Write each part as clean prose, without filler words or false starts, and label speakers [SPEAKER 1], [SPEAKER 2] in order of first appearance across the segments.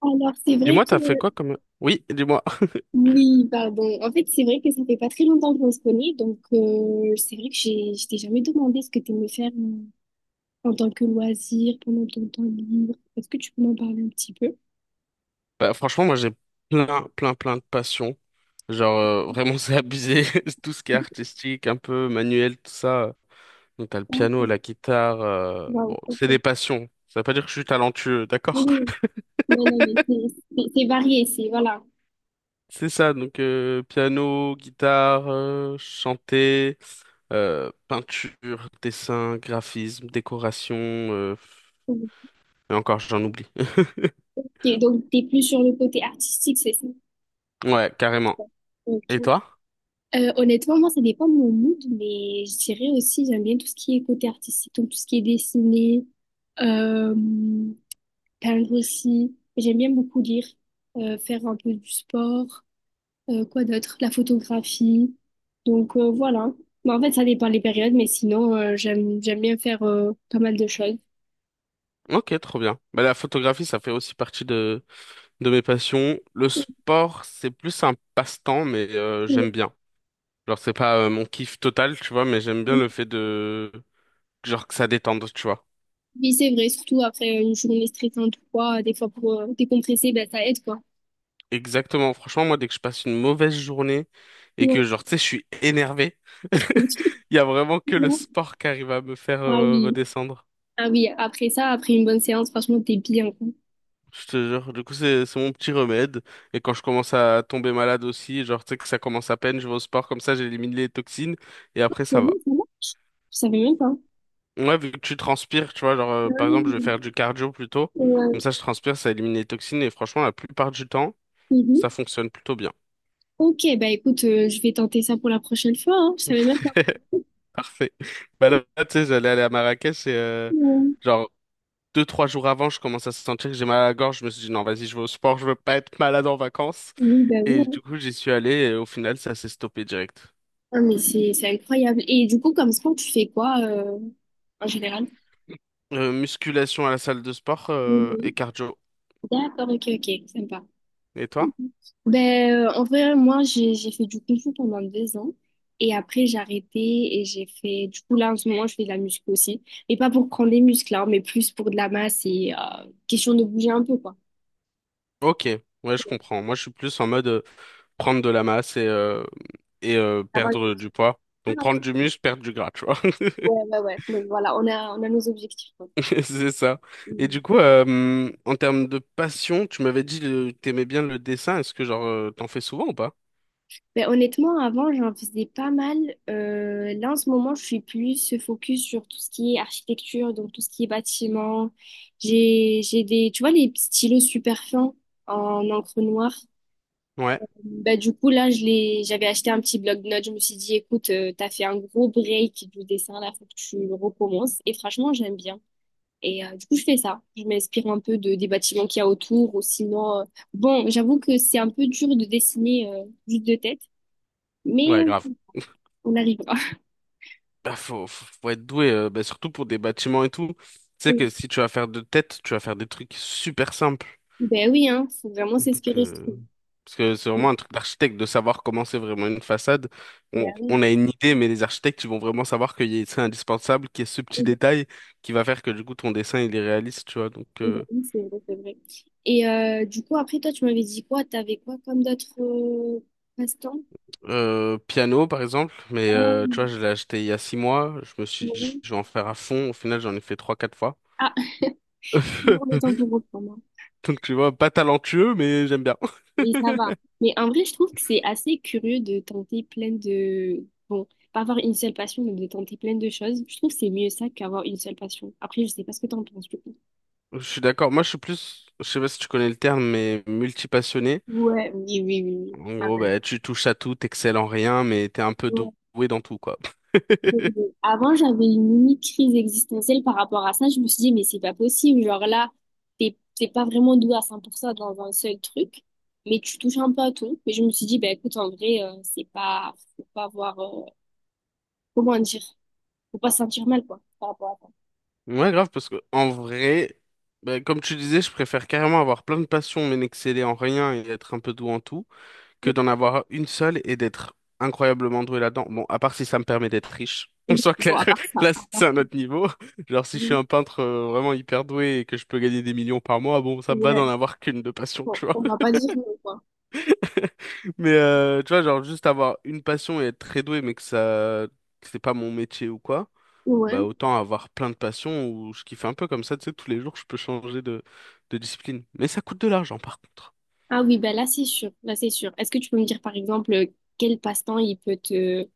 [SPEAKER 1] Alors, c'est vrai
[SPEAKER 2] Dis-moi,
[SPEAKER 1] que,
[SPEAKER 2] t'as fait quoi comme... oui, dis-moi.
[SPEAKER 1] oui, pardon. En fait, c'est vrai que ça fait pas très longtemps qu'on se connaît, donc c'est vrai que je t'ai jamais demandé ce que tu aimais faire en tant que loisir, pendant ton temps libre. Est-ce que tu peux m'en parler un petit peu?
[SPEAKER 2] Bah, franchement, moi, j'ai plein, plein, plein de passions. Genre, vraiment, c'est abusé. Tout ce qui est artistique, un peu manuel, tout ça. Donc, t'as le
[SPEAKER 1] Ah,
[SPEAKER 2] piano,
[SPEAKER 1] ok.
[SPEAKER 2] la guitare. euh,
[SPEAKER 1] Waouh,
[SPEAKER 2] Bon,
[SPEAKER 1] ok.
[SPEAKER 2] c'est des passions. Ça veut pas dire que je suis talentueux, d'accord?
[SPEAKER 1] Oui, non, non, mais c'est varié, c'est, voilà.
[SPEAKER 2] C'est ça, donc piano, guitare, chanter, peinture, dessin, graphisme, décoration,
[SPEAKER 1] Ok,
[SPEAKER 2] et encore j'en oublie.
[SPEAKER 1] donc, t'es plus sur le côté artistique, c'est ça?
[SPEAKER 2] Ouais, carrément.
[SPEAKER 1] Ok.
[SPEAKER 2] Et toi?
[SPEAKER 1] Honnêtement, moi, ça dépend de mon mood, mais je dirais aussi, j'aime bien tout ce qui est côté artistique, donc tout ce qui est dessiné. Euh, Peindre aussi. J'aime bien beaucoup lire, faire un peu du sport, quoi d'autre, la photographie. Donc voilà. Mais en fait, ça dépend des périodes, mais sinon, j'aime bien faire pas mal de choses.
[SPEAKER 2] Ok, trop bien. Bah, la photographie, ça fait aussi partie de mes passions. Le sport, c'est plus un passe-temps, mais j'aime bien. Genre, c'est pas mon kiff total, tu vois, mais j'aime bien le fait de... Genre, que ça détende, tu vois.
[SPEAKER 1] Oui, c'est vrai, surtout après une journée stressante ou quoi, des fois pour décompresser, ben, ça aide quoi.
[SPEAKER 2] Exactement. Franchement, moi, dès que je passe une mauvaise journée et que,
[SPEAKER 1] Ouais.
[SPEAKER 2] genre, tu sais, je suis énervé, il y a vraiment que le sport qui arrive à me faire
[SPEAKER 1] Ah oui,
[SPEAKER 2] redescendre.
[SPEAKER 1] ah oui, après ça, après une bonne séance, franchement, t'es bien quoi.
[SPEAKER 2] Je te jure. Du coup, c'est mon petit remède. Et quand je commence à tomber malade aussi, genre, tu sais que ça commence à peine, je vais au sport, comme ça, j'élimine les toxines et après,
[SPEAKER 1] Ouais,
[SPEAKER 2] ça va.
[SPEAKER 1] ça va. Je savais même pas.
[SPEAKER 2] Ouais, vu que tu transpires, tu vois, genre,
[SPEAKER 1] Ah
[SPEAKER 2] par exemple, je vais
[SPEAKER 1] oui.
[SPEAKER 2] faire du cardio plutôt. Comme
[SPEAKER 1] Ouais.
[SPEAKER 2] ça, je transpire, ça élimine les toxines. Et franchement, la plupart du temps,
[SPEAKER 1] Mhm.
[SPEAKER 2] ça fonctionne plutôt bien.
[SPEAKER 1] Ok, bah écoute, je vais tenter ça pour la prochaine fois. Hein. Je savais même pas.
[SPEAKER 2] Parfait. Bah là, tu sais, j'allais aller à Marrakech et,
[SPEAKER 1] Oui,
[SPEAKER 2] genre, deux, trois jours avant, je commence à sentir que j'ai mal à la gorge. Je me suis dit, non, vas-y, je vais au sport, je veux pas être malade en vacances.
[SPEAKER 1] bah oui.
[SPEAKER 2] Et du
[SPEAKER 1] Hein.
[SPEAKER 2] coup, j'y suis allé et au final, ça s'est stoppé direct.
[SPEAKER 1] Ah, mais c'est incroyable. Et du coup, comme sport, tu fais quoi en général?
[SPEAKER 2] Musculation à la salle de sport,
[SPEAKER 1] Oui,
[SPEAKER 2] et
[SPEAKER 1] oui.
[SPEAKER 2] cardio.
[SPEAKER 1] D'accord, ok, ok, sympa.
[SPEAKER 2] Et toi?
[SPEAKER 1] Ben, en vrai, moi, j'ai fait du kung fu pendant deux ans. Et après, j'ai arrêté et j'ai fait... Du coup, là, en ce moment, je fais de la muscu aussi. Mais pas pour prendre des muscles, hein, mais plus pour de la masse et question de bouger un peu, quoi.
[SPEAKER 2] Ok, ouais, je comprends. Moi, je suis plus en mode. Prendre de la masse et
[SPEAKER 1] Avoir
[SPEAKER 2] perdre du poids. Donc
[SPEAKER 1] Ah,
[SPEAKER 2] prendre
[SPEAKER 1] ok.
[SPEAKER 2] du muscle, perdre du gras, tu vois.
[SPEAKER 1] Ouais, ouais, ouais. Donc voilà, on a nos objectifs, quoi.
[SPEAKER 2] C'est ça. Et du coup, en termes de passion, tu m'avais dit que t'aimais bien le dessin. Est-ce que genre t'en fais souvent ou pas?
[SPEAKER 1] Ben, honnêtement, avant, j'en faisais pas mal. Là, en ce moment, je suis plus focus sur tout ce qui est architecture, donc tout ce qui est bâtiment. J'ai des, tu vois, les stylos super fins en encre noire.
[SPEAKER 2] Ouais,
[SPEAKER 1] Bah du coup, j'avais acheté un petit bloc-notes. Je me suis dit, écoute, t'as fait un gros break du dessin, là, faut que tu le recommences. Et franchement, j'aime bien. Et du coup, je fais ça. Je m'inspire un peu des bâtiments qu'il y a autour, ou sinon, bon, j'avoue que c'est un peu dur de dessiner juste de tête. Mais
[SPEAKER 2] ouais, grave.
[SPEAKER 1] euh, on arrivera.
[SPEAKER 2] Bah, faut être doué, bah, surtout pour des bâtiments et tout. Tu sais que si tu vas faire de tête, tu vas faire des trucs super simples.
[SPEAKER 1] Ben oui, hein, faut vraiment
[SPEAKER 2] Donc,
[SPEAKER 1] s'inspirer, je trouve.
[SPEAKER 2] parce que c'est vraiment un truc d'architecte de savoir comment c'est vraiment une façade. On,
[SPEAKER 1] Ben
[SPEAKER 2] on a une idée, mais les architectes, ils vont vraiment savoir qu'il y a, c'est indispensable, qu'il y a ce petit
[SPEAKER 1] oui,
[SPEAKER 2] détail qui va faire que du coup ton dessin il est réaliste, tu vois. Donc,
[SPEAKER 1] ben oui, c'est vrai, c'est vrai. Et du coup, après, toi, tu m'avais dit quoi? T'avais quoi comme d'autres passe-temps?
[SPEAKER 2] piano par exemple, mais tu vois, je
[SPEAKER 1] Ah,
[SPEAKER 2] l'ai acheté il y a 6 mois. Je me suis dit,
[SPEAKER 1] ouais.
[SPEAKER 2] je vais en faire à fond. Au final, j'en ai fait trois, quatre fois.
[SPEAKER 1] Ah, toujours le temps pour reprendre. Hein.
[SPEAKER 2] Donc, tu vois, pas talentueux, mais j'aime bien.
[SPEAKER 1] Mais ça va. Mais en vrai, je trouve que c'est assez curieux de tenter plein de... Bon, pas avoir une seule passion, mais de tenter plein de choses. Je trouve que c'est mieux ça qu'avoir une seule passion. Après, je sais pas ce que t'en penses, du coup.
[SPEAKER 2] Je suis d'accord. Moi, je suis plus, je sais pas si tu connais le terme, mais multipassionné.
[SPEAKER 1] Ouais, oui, oui, oui. Oui.
[SPEAKER 2] En gros,
[SPEAKER 1] Pareil.
[SPEAKER 2] bah, tu touches à tout, t'excelles en rien, mais t'es un peu doué dans tout, quoi.
[SPEAKER 1] Et avant, j'avais une limite crise existentielle par rapport à ça. Je me suis dit, mais c'est pas possible. Genre là, t'es pas vraiment doué à 100% dans un seul truc, mais tu touches un peu à tout. Mais je me suis dit, bah écoute, en vrai, c'est pas, faut pas avoir, comment dire, faut pas se sentir mal, quoi, par rapport à
[SPEAKER 2] Ouais, grave, parce que en vrai, bah, comme tu disais, je préfère carrément avoir plein de passions, mais n'exceller en rien et être un peu doué en tout, que
[SPEAKER 1] ça.
[SPEAKER 2] d'en avoir une seule et d'être incroyablement doué là-dedans. Bon, à part si ça me permet d'être riche. On soit
[SPEAKER 1] Bon,
[SPEAKER 2] clair,
[SPEAKER 1] à part ça,
[SPEAKER 2] là
[SPEAKER 1] à part
[SPEAKER 2] c'est un autre niveau. Genre si je suis un peintre vraiment hyper doué et que je peux gagner des millions par mois, bon ça me va d'en
[SPEAKER 1] ouais,
[SPEAKER 2] avoir qu'une de passion,
[SPEAKER 1] bon,
[SPEAKER 2] tu vois.
[SPEAKER 1] on va pas dire non, quoi.
[SPEAKER 2] Mais tu vois, genre juste avoir une passion et être très doué, mais que c'est pas mon métier ou quoi,
[SPEAKER 1] Ouais.
[SPEAKER 2] bah autant avoir plein de passions où je kiffe un peu comme ça, tu sais, tous les jours je peux changer de discipline. Mais ça coûte de l'argent par contre.
[SPEAKER 1] Ah oui, bah là, c'est sûr. Là, c'est sûr. Est-ce que tu peux me dire, par exemple, quel passe-temps il peut te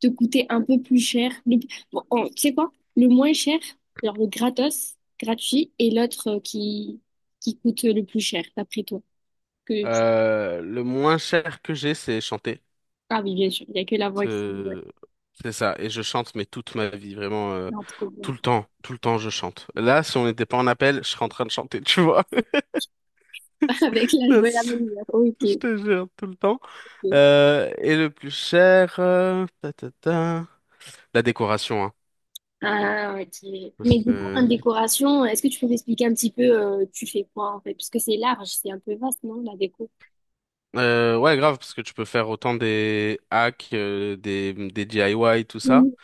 [SPEAKER 1] te coûter un peu plus cher. Bon, tu sais quoi? Le moins cher, genre le gratos, gratuit, et l'autre qui coûte le plus cher, d'après toi. Que tu...
[SPEAKER 2] Le moins cher que j'ai, c'est chanter.
[SPEAKER 1] Ah oui, bien sûr, il n'y a que la voix qui... Ouais,
[SPEAKER 2] C'est c'est ça. Et je chante, mais toute ma vie, vraiment,
[SPEAKER 1] non, trop bon.
[SPEAKER 2] tout le temps je chante. Là, si on n'était pas en appel, je serais en train de chanter, tu vois.
[SPEAKER 1] Avec la
[SPEAKER 2] Ça,
[SPEAKER 1] jouée, la même
[SPEAKER 2] c'est-
[SPEAKER 1] humeur.
[SPEAKER 2] Je
[SPEAKER 1] Ok.
[SPEAKER 2] te jure, tout le temps.
[SPEAKER 1] Ok.
[SPEAKER 2] Et le plus cher, ta, ta, ta. La décoration, hein.
[SPEAKER 1] Ah, ok.
[SPEAKER 2] Parce
[SPEAKER 1] Mais du coup, en
[SPEAKER 2] que-
[SPEAKER 1] décoration, est-ce que tu peux m'expliquer un petit peu, tu fais quoi en fait? Parce que c'est large, c'est un peu vaste, non, la déco?
[SPEAKER 2] Ouais, grave, parce que tu peux faire autant des hacks, des DIY, tout ça,
[SPEAKER 1] Oui.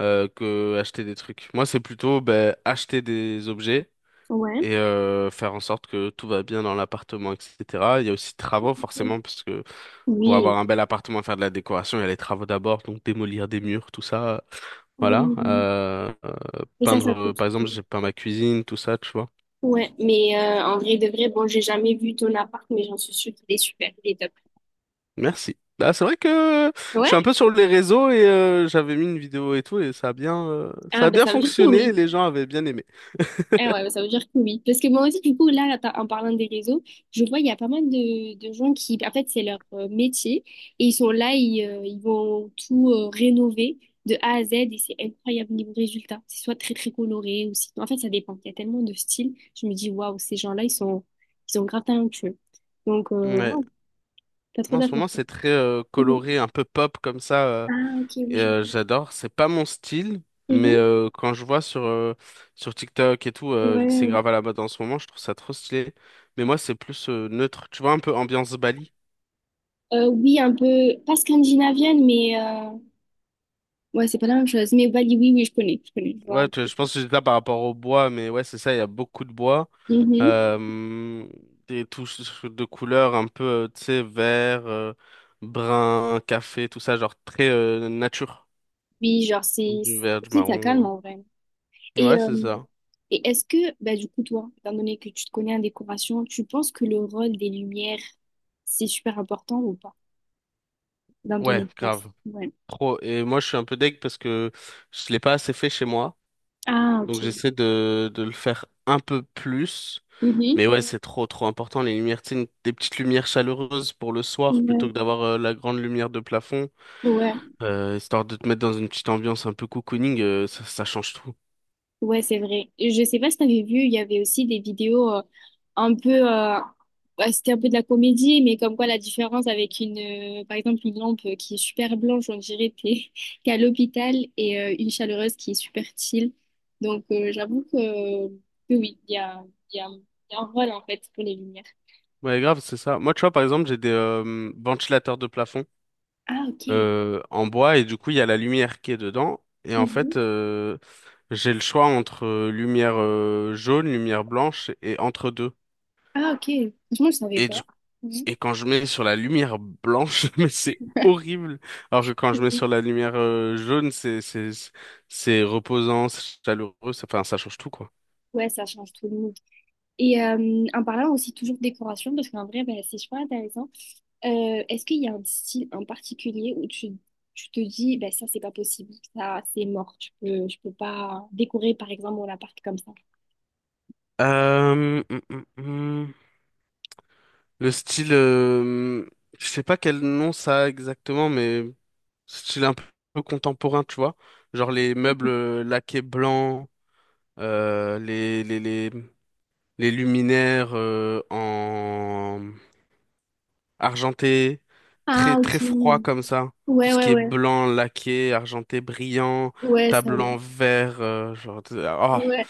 [SPEAKER 2] que acheter des trucs. Moi, c'est plutôt ben, acheter des objets
[SPEAKER 1] Ouais.
[SPEAKER 2] et faire en sorte que tout va bien dans l'appartement, etc. Il y a aussi travaux, forcément, parce que pour avoir
[SPEAKER 1] Oui.
[SPEAKER 2] un bel appartement, faire de la décoration, il y a les travaux d'abord, donc démolir des murs, tout ça.
[SPEAKER 1] Ah
[SPEAKER 2] Voilà.
[SPEAKER 1] oui, oui. Et ça,
[SPEAKER 2] Peindre,
[SPEAKER 1] ça coûte.
[SPEAKER 2] par exemple,
[SPEAKER 1] Oui.
[SPEAKER 2] j'ai peint ma cuisine, tout ça, tu vois.
[SPEAKER 1] Ouais, mais en vrai de vrai, bon, j'ai jamais vu ton appart, mais j'en suis sûre qu'il est super, il est top.
[SPEAKER 2] Merci. Bah, c'est vrai que je suis
[SPEAKER 1] Ouais?
[SPEAKER 2] un peu sur les réseaux et j'avais mis une vidéo et tout et ça
[SPEAKER 1] Ah,
[SPEAKER 2] a
[SPEAKER 1] ben
[SPEAKER 2] bien
[SPEAKER 1] ça veut dire que
[SPEAKER 2] fonctionné,
[SPEAKER 1] oui.
[SPEAKER 2] les gens avaient bien aimé.
[SPEAKER 1] Ah ouais, ben, ça veut dire que oui. Parce que moi aussi, du coup, en parlant des réseaux, je vois, il y a pas mal de gens qui, en fait, c'est leur métier, et ils sont là, ils vont tout rénover de A à Z, et c'est incroyable niveau résultat. C'est soit très, très coloré, ou sinon, en fait, ça dépend. Il y a tellement de styles, je me dis, waouh, ces gens-là, ils sont grave talentueux. Donc,
[SPEAKER 2] Ouais.
[SPEAKER 1] waouh, t'as trop
[SPEAKER 2] Moi, en ce
[SPEAKER 1] d'argent.
[SPEAKER 2] moment, c'est très
[SPEAKER 1] Mhm.
[SPEAKER 2] coloré, un peu pop comme ça.
[SPEAKER 1] Ah, ok,
[SPEAKER 2] Et,
[SPEAKER 1] oui, je
[SPEAKER 2] j'adore. C'est pas mon style, mais
[SPEAKER 1] Mhm.
[SPEAKER 2] quand je vois sur, sur TikTok et tout, vu que c'est
[SPEAKER 1] Ouais.
[SPEAKER 2] grave à la mode en ce moment, je trouve ça trop stylé. Mais moi, c'est plus neutre. Tu vois, un peu ambiance Bali.
[SPEAKER 1] Oui, un peu, pas scandinavienne, mais ouais, c'est pas la même chose. Mais Bali, oui, oui, je connais, je connais, je vois. Un
[SPEAKER 2] Ouais,
[SPEAKER 1] peu.
[SPEAKER 2] je pense que c'est ça par rapport au bois, mais ouais, c'est ça, il y a beaucoup de bois.
[SPEAKER 1] Mhm.
[SPEAKER 2] Euh, des touches de couleurs un peu, tu sais, vert, brun, café, tout ça, genre très nature.
[SPEAKER 1] Oui, genre,
[SPEAKER 2] Du vert, du
[SPEAKER 1] c'est ça calme
[SPEAKER 2] marron.
[SPEAKER 1] en vrai.
[SPEAKER 2] Ouais,
[SPEAKER 1] Et,
[SPEAKER 2] ouais, c'est
[SPEAKER 1] euh,
[SPEAKER 2] ça.
[SPEAKER 1] et est-ce que, bah, du coup, toi, étant donné que tu te connais en décoration, tu penses que le rôle des lumières, c'est super important ou pas dans ton
[SPEAKER 2] Ouais,
[SPEAKER 1] espace?
[SPEAKER 2] grave.
[SPEAKER 1] Ouais.
[SPEAKER 2] Trop. Et moi, je suis un peu deg parce que je l'ai pas assez fait chez moi.
[SPEAKER 1] Ah, ok.
[SPEAKER 2] Donc, j'essaie de le faire un peu plus.
[SPEAKER 1] Mhm.
[SPEAKER 2] Mais ouais, c'est trop, trop important. Les lumières, tu sais, des petites lumières chaleureuses pour le soir
[SPEAKER 1] Ouais.
[SPEAKER 2] plutôt que d'avoir la grande lumière de plafond.
[SPEAKER 1] Ouais.
[SPEAKER 2] Histoire de te mettre dans une petite ambiance un peu cocooning, ça, ça change tout.
[SPEAKER 1] Ouais, c'est vrai. Et je sais pas si t'avais vu, il y avait aussi des vidéos un peu, euh, bah, c'était un peu de la comédie, mais comme quoi la différence avec une, par exemple, une lampe qui est super blanche, on dirait t'es t'es à l'hôpital, et une chaleureuse qui est super chill. Donc j'avoue que oui, il y a, un- il y a un rôle en fait pour les lumières.
[SPEAKER 2] Ouais, grave, c'est ça. Moi, tu vois, par exemple, j'ai des ventilateurs de plafond
[SPEAKER 1] Ah, ok.
[SPEAKER 2] en bois et du coup, il y a la lumière qui est dedans. Et en
[SPEAKER 1] Mhm.
[SPEAKER 2] fait, j'ai le choix entre lumière jaune, lumière blanche et entre deux.
[SPEAKER 1] Ah, ok. Franchement, je savais
[SPEAKER 2] Et, du-
[SPEAKER 1] pas. Mhm.
[SPEAKER 2] et quand je mets sur la lumière blanche, mais c'est horrible. Alors que quand je mets
[SPEAKER 1] Oui.
[SPEAKER 2] sur la lumière jaune, c'est reposant, c'est chaleureux, ça, enfin, ça change tout, quoi.
[SPEAKER 1] Ouais, ça change tout le monde. Et en parlant aussi toujours de décoration, parce qu'en vrai, bah, c'est super intéressant. Est-ce qu'il y a un style en particulier où tu te dis, bah, ça, c'est pas possible, ça, c'est mort, je peux pas décorer, par exemple, mon appart comme ça?
[SPEAKER 2] Euh, hum, hum, hum. Le style, je sais pas quel nom ça a exactement, mais style un peu contemporain, tu vois. Genre les meubles laqués blancs, euh, les, les, les, les luminaires en argenté, très,
[SPEAKER 1] Ah, ok.
[SPEAKER 2] très froid comme ça. Tout
[SPEAKER 1] Ouais,
[SPEAKER 2] ce
[SPEAKER 1] ouais,
[SPEAKER 2] qui est
[SPEAKER 1] ouais.
[SPEAKER 2] blanc, laqué, argenté, brillant,
[SPEAKER 1] Ouais, ça,
[SPEAKER 2] table en
[SPEAKER 1] non.
[SPEAKER 2] verre, genre, oh,
[SPEAKER 1] Ouais,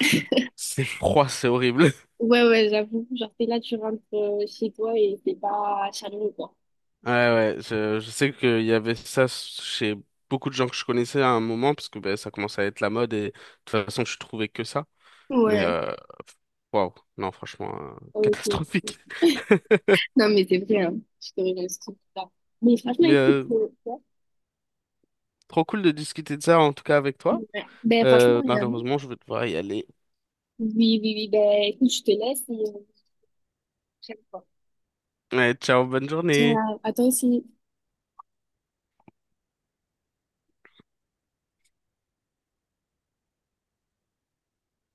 [SPEAKER 2] c'est froid, c'est horrible.
[SPEAKER 1] ouais, ouais, j'avoue. Genre, t'es là, tu rentres chez toi et t'es pas chaleureux, quoi.
[SPEAKER 2] Ouais, ouais, je sais qu'il y avait ça chez beaucoup de gens que je connaissais à un moment, parce que ben, ça commençait à être la mode et de toute façon, je trouvais que ça. Mais
[SPEAKER 1] Ouais.
[SPEAKER 2] waouh, non, franchement,
[SPEAKER 1] Ok.
[SPEAKER 2] catastrophique.
[SPEAKER 1] Non, mais c'est vrai, hein. Je te rejoins sur ça. Mais franchement,
[SPEAKER 2] Mais
[SPEAKER 1] écoute, ouais.
[SPEAKER 2] trop cool de discuter de ça en tout cas avec toi.
[SPEAKER 1] Ouais. Ben, franchement, également.
[SPEAKER 2] Malheureusement, je vais devoir y aller.
[SPEAKER 1] Oui, oui, oui, ben, écoute, je te laisse et prochaine fois.
[SPEAKER 2] Ouais, ciao, bonne journée.
[SPEAKER 1] Ciao. À toi aussi.